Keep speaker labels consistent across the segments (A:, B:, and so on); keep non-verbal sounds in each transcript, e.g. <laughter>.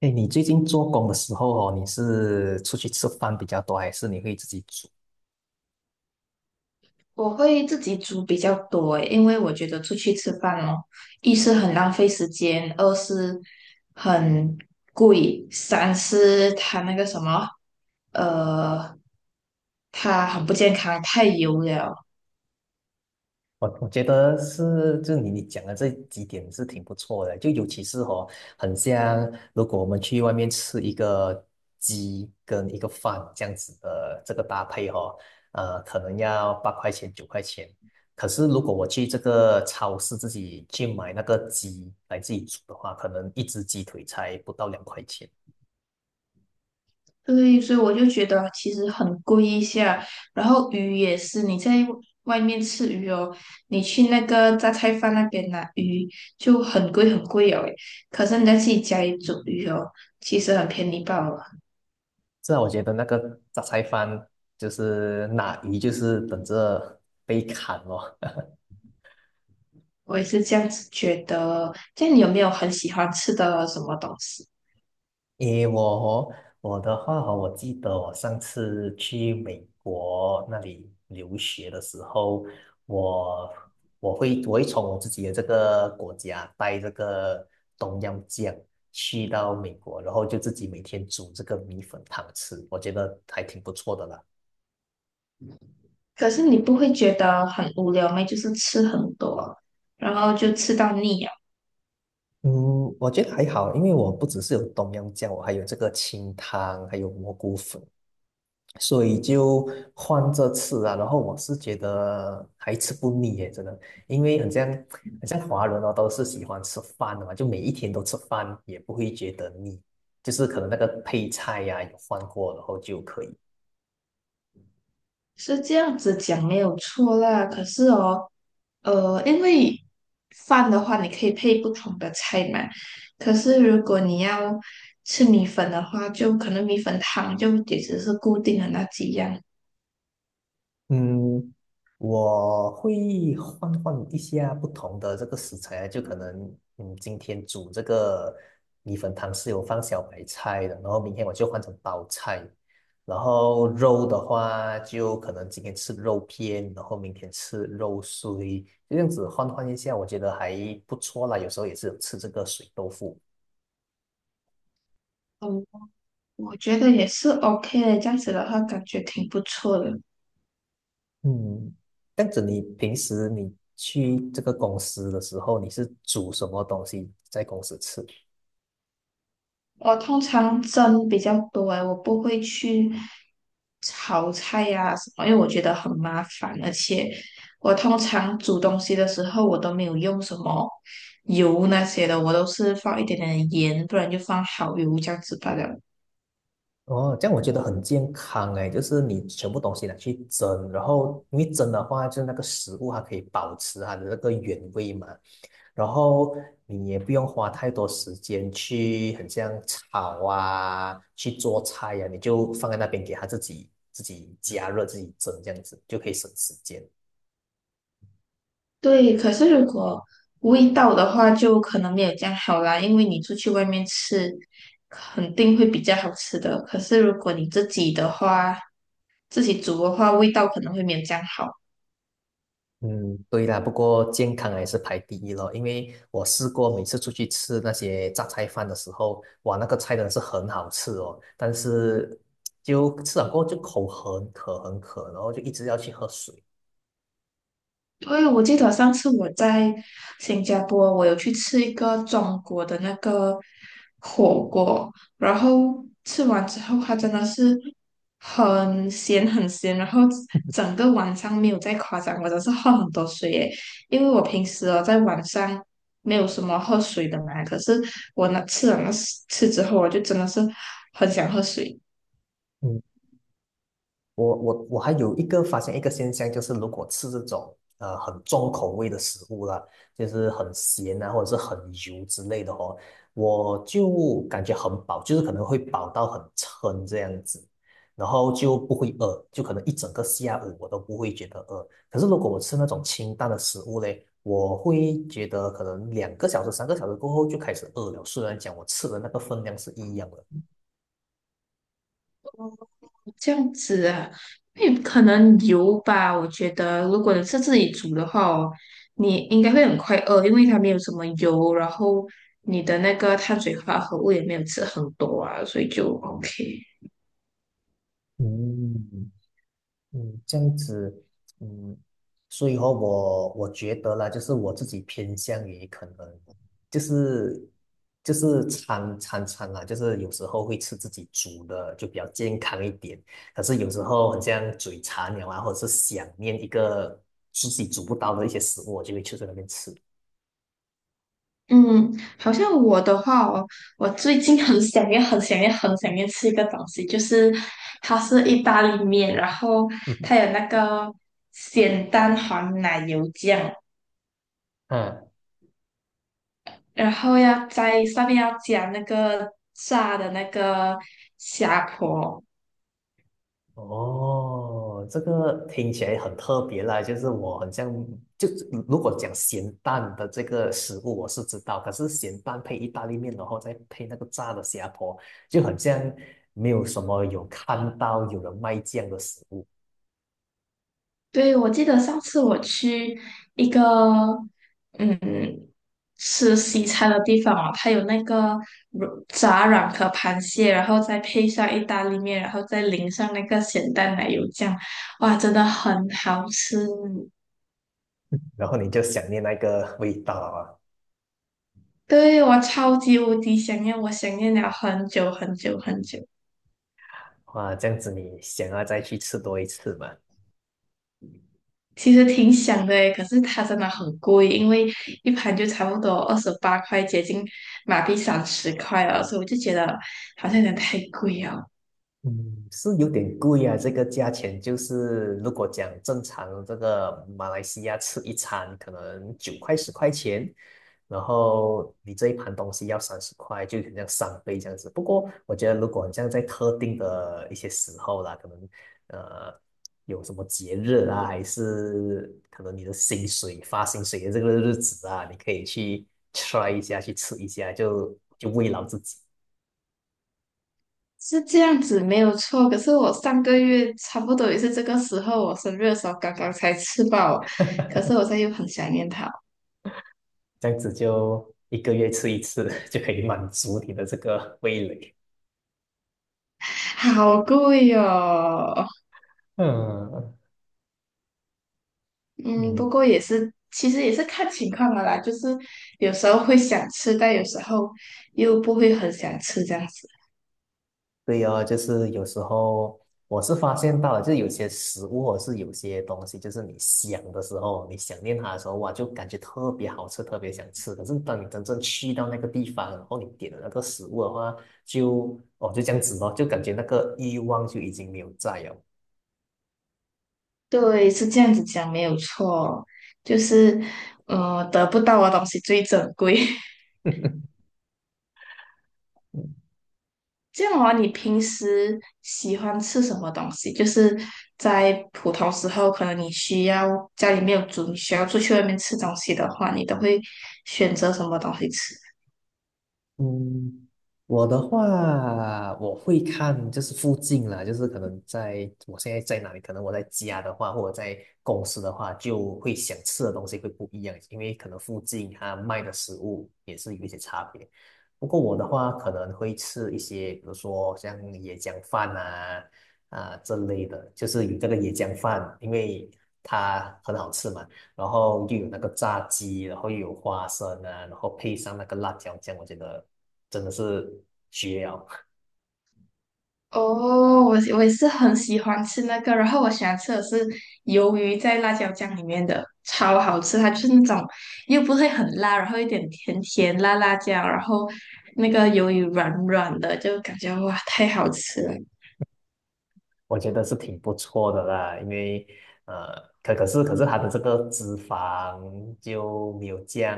A: 哎，你最近做工的时候哦，你是出去吃饭比较多，还是你会自己煮？
B: 我会自己煮比较多诶，因为我觉得出去吃饭哦，一是很浪费时间，二是很贵，三是它那个什么，呃，它很不健康，太油了。
A: 我觉得是，就你讲的这几点是挺不错的，就尤其是哦，很像如果我们去外面吃一个鸡跟一个饭这样子的这个搭配哦，可能要8块钱9块钱。可是如果我去这个超市自己去买那个鸡来自己煮的话，可能一只鸡腿才不到2块钱。
B: 对，所以我就觉得其实很贵一下。然后鱼也是，你在外面吃鱼哦，你去那个榨菜饭那边拿鱼就很贵哦诶，可是你在自己家里煮鱼哦，其实很便宜罢了。
A: 是啊，我觉得那个杂菜饭就是拿鱼，就是等着被砍哦。<laughs>
B: 我也是这样子觉得。这样你有没有很喜欢吃的什么东西？
A: 诶，我的话哦，我记得我上次去美国那里留学的时候，我我会从我自己的这个国家带这个东阳酱去到美国，然后就自己每天煮这个米粉汤吃，我觉得还挺不错的啦。
B: 可是你不会觉得很无聊吗？就是吃很多，然后就吃到腻了，
A: 嗯，我觉得还好，因为我不只是有东阳酱，我还有这个清汤，还有蘑菇粉，所以就换着吃啊。然后我是觉得还吃不腻耶，真的，因为很像华人哦，都是喜欢吃饭的嘛，就每一天都吃饭，也不会觉得腻，就是可能那个配菜呀、有换过，然后就可以。
B: 是这样子讲没有错啦。可是哦，因为饭的话你可以配不同的菜嘛，可是如果你要吃米粉的话，就可能米粉汤就也只是固定的那几样。
A: 嗯，我会换换一下不同的这个食材啊，就可能今天煮这个米粉汤是有放小白菜的，然后明天我就换成包菜，然后肉的话就可能今天吃肉片，然后明天吃肉碎，就这样子换换一下，我觉得还不错啦。有时候也是有吃这个水豆腐。
B: 嗯，我觉得也是 OK 的，这样子的话感觉挺不错的。
A: 嗯，这样子你平时你去这个公司的时候，你是煮什么东西在公司吃？
B: 我通常蒸比较多诶，我不会去炒菜呀、什么，因为我觉得很麻烦，而且我通常煮东西的时候，我都没有用什么油那些的，我都是放一点点的盐，不然就放蚝油这样子罢了。
A: 哦，这样我觉得很健康哎，就是你全部东西拿去蒸，然后因为蒸的话，就是那个食物它可以保持它的那个原味嘛，然后你也不用花太多时间去很像炒啊，去做菜呀、你就放在那边给它自己加热、自己蒸这样子，就可以省时间。
B: 对，可是如果味道的话，就可能没有这样好啦，因为你出去外面吃，肯定会比较好吃的。可是如果你自己的话，自己煮的话，味道可能会没有这样好。
A: 嗯，对啦，不过健康还是排第一咯，因为我试过每次出去吃那些榨菜饭的时候，哇，那个菜真的是很好吃哦，但是就吃了过后就口很渴很渴，然后就一直要去喝水。
B: 对，我记得上次我在新加坡，我有去吃一个中国的那个火锅，然后吃完之后，它真的是很咸，然后整个晚上没有再夸张，我真是喝很多水耶，因为我平时哦在晚上没有什么喝水的嘛，可是我那吃了那吃之后，我就真的是很想喝水。
A: 嗯。我还有一个发现一个现象，就是如果吃这种很重口味的食物啦，就是很咸啊，或者是很油之类的哦，我就感觉很饱，就是可能会饱到很撑这样子，然后就不会饿，就可能一整个下午我都不会觉得饿。可是如果我吃那种清淡的食物嘞，我会觉得可能2个小时、3个小时过后就开始饿了，虽然讲我吃的那个分量是一样的。
B: 这样子啊，因为可能油吧，我觉得如果你是自己煮的话哦，你应该会很快饿，因为它没有什么油，然后你的那个碳水化合物也没有吃很多啊，所以就 OK。
A: 嗯，嗯，这样子，嗯，所以哦，我觉得啦，就是我自己偏向于可能，就是就是餐餐餐啦，就是有时候会吃自己煮的，就比较健康一点。可是有时候很像嘴馋了啊，或者是想念一个自己煮不到的一些食物，我就会去在那边吃。
B: 嗯，好像我的话哦，我最近很想念吃一个东西，就是它是意大利面，然后它
A: <laughs>
B: 有那个咸蛋黄奶油酱，
A: 嗯，
B: 然后要在上面加那个炸的虾婆。
A: 哦，这个听起来很特别啦，就是我很像，就如果讲咸蛋的这个食物我是知道，可是咸蛋配意大利面，然后再配那个炸的虾婆，就很像没有什么有看到有人卖这样的食物，
B: 对，我记得上次我去一个嗯吃西餐的地方哦，它有那个软炸软壳螃蟹，然后再配上意大利面，然后再淋上那个咸蛋奶油酱，哇，真的很好吃。
A: 然后你就想念那个味道啊，
B: 对，我超级无敌想念，我想念了很久。
A: 哇，这样子你想要再去吃多一次嘛？
B: 其实挺想的诶，可是它真的很贵，因为一盘就差不多28块，接近马币30块了，所以我就觉得好像有点太贵。
A: 嗯，是有点贵啊，这个价钱就是如果讲正常这个马来西亚吃一餐可能9块10块钱，然后你这一盘东西要30块，就很像3倍这样子。不过我觉得如果这样在特定的一些时候啦，可能呃有什么节日啊，还是可能你的薪水发薪水的这个日子啊，你可以去 try 一下，去吃一下，就慰劳自己。
B: 是这样子没有错，可是我上个月差不多也是这个时候，我生日的时候刚刚才吃饱，可是我现在又很想念它，
A: 这样子就一个月吃一次，<laughs> 就可以满足你的这个味蕾。
B: 好贵哦。
A: 嗯
B: 嗯，不
A: 嗯，
B: 过也是，其实也是看情况的啦，就是有时候会想吃，但有时候又不会很想吃这样子。
A: 对哦，就是有时候我是发现到了，就是有些食物或是有些东西，就是你想的时候，你想念它的时候，哇，就感觉特别好吃，特别想吃。可是当你真正去到那个地方，然后你点了那个食物的话，就哦就这样子咯，就感觉那个欲望就已经没有在了。
B: 对，是这样子讲没有错，就是，得不到的东西最珍贵。<laughs>
A: <laughs>
B: 这样的话，你平时喜欢吃什么东西？就是在普通时候，可能你需要家里没有煮，你需要出去外面吃东西的话，你都会选择什么东西吃？
A: 嗯，我的话，我会看就是附近啦，就是可能在我现在在哪里，可能我在家的话，或者在公司的话，就会想吃的东西会不一样，因为可能附近它卖的食物也是有一些差别。不过我的话，可能会吃一些，比如说像椰浆饭啊这类的，就是有这个椰浆饭，因为它很好吃嘛，然后又有那个炸鸡，然后又有花生啊，然后配上那个辣椒酱，我觉得真的是绝了，
B: 哦，我也是很喜欢吃那个，然后我喜欢吃的是鱿鱼在辣椒酱里面的，超好吃。它就是那种又不会很辣，然后一点甜甜辣辣酱，然后那个鱿鱼软软的，就感觉哇，太好吃了。
A: <laughs> 我觉得是挺不错的啦。因为可是它的这个脂肪就没有降，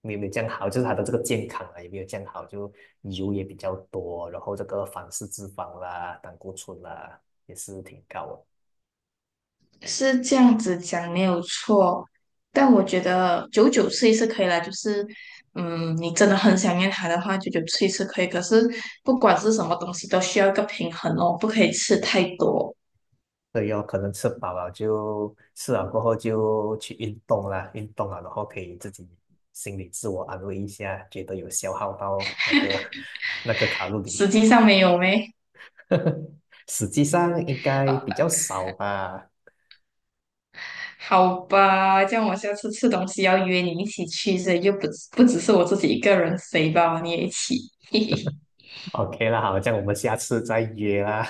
A: 没有这样好，就是它的这个健康啊也没有降好，就油也比较多，然后这个反式脂肪啦、胆固醇啦也是挺高的。
B: 是这样子讲没有错，但我觉得久久吃一次可以啦，就是嗯，你真的很想念它的话，久久吃一次可以。可是不管是什么东西，都需要一个平衡哦，不可以吃太多。
A: 对有可能吃饱了就吃了过后就去运动啦，运动了，然后可以自己心里自我安慰一下，觉得有消耗到那个 <laughs> 那个卡路里，
B: 实际上没有咩？
A: <laughs> 实际上应该比较少吧。
B: 好吧，这样我下次吃东西要约你一起去，所以就不只是我自己一个人飞吧，你也一起。<laughs> 嘿嘿
A: OK 啦，好，这样我们下次再约啦。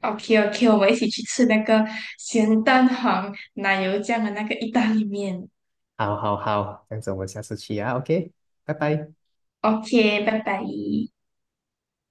B: ，OK OK，我们一起去吃那个咸蛋黄奶油酱的那个意大利面。
A: 好好好，这样子我们下次去啊，OK，拜拜。
B: OK，拜拜。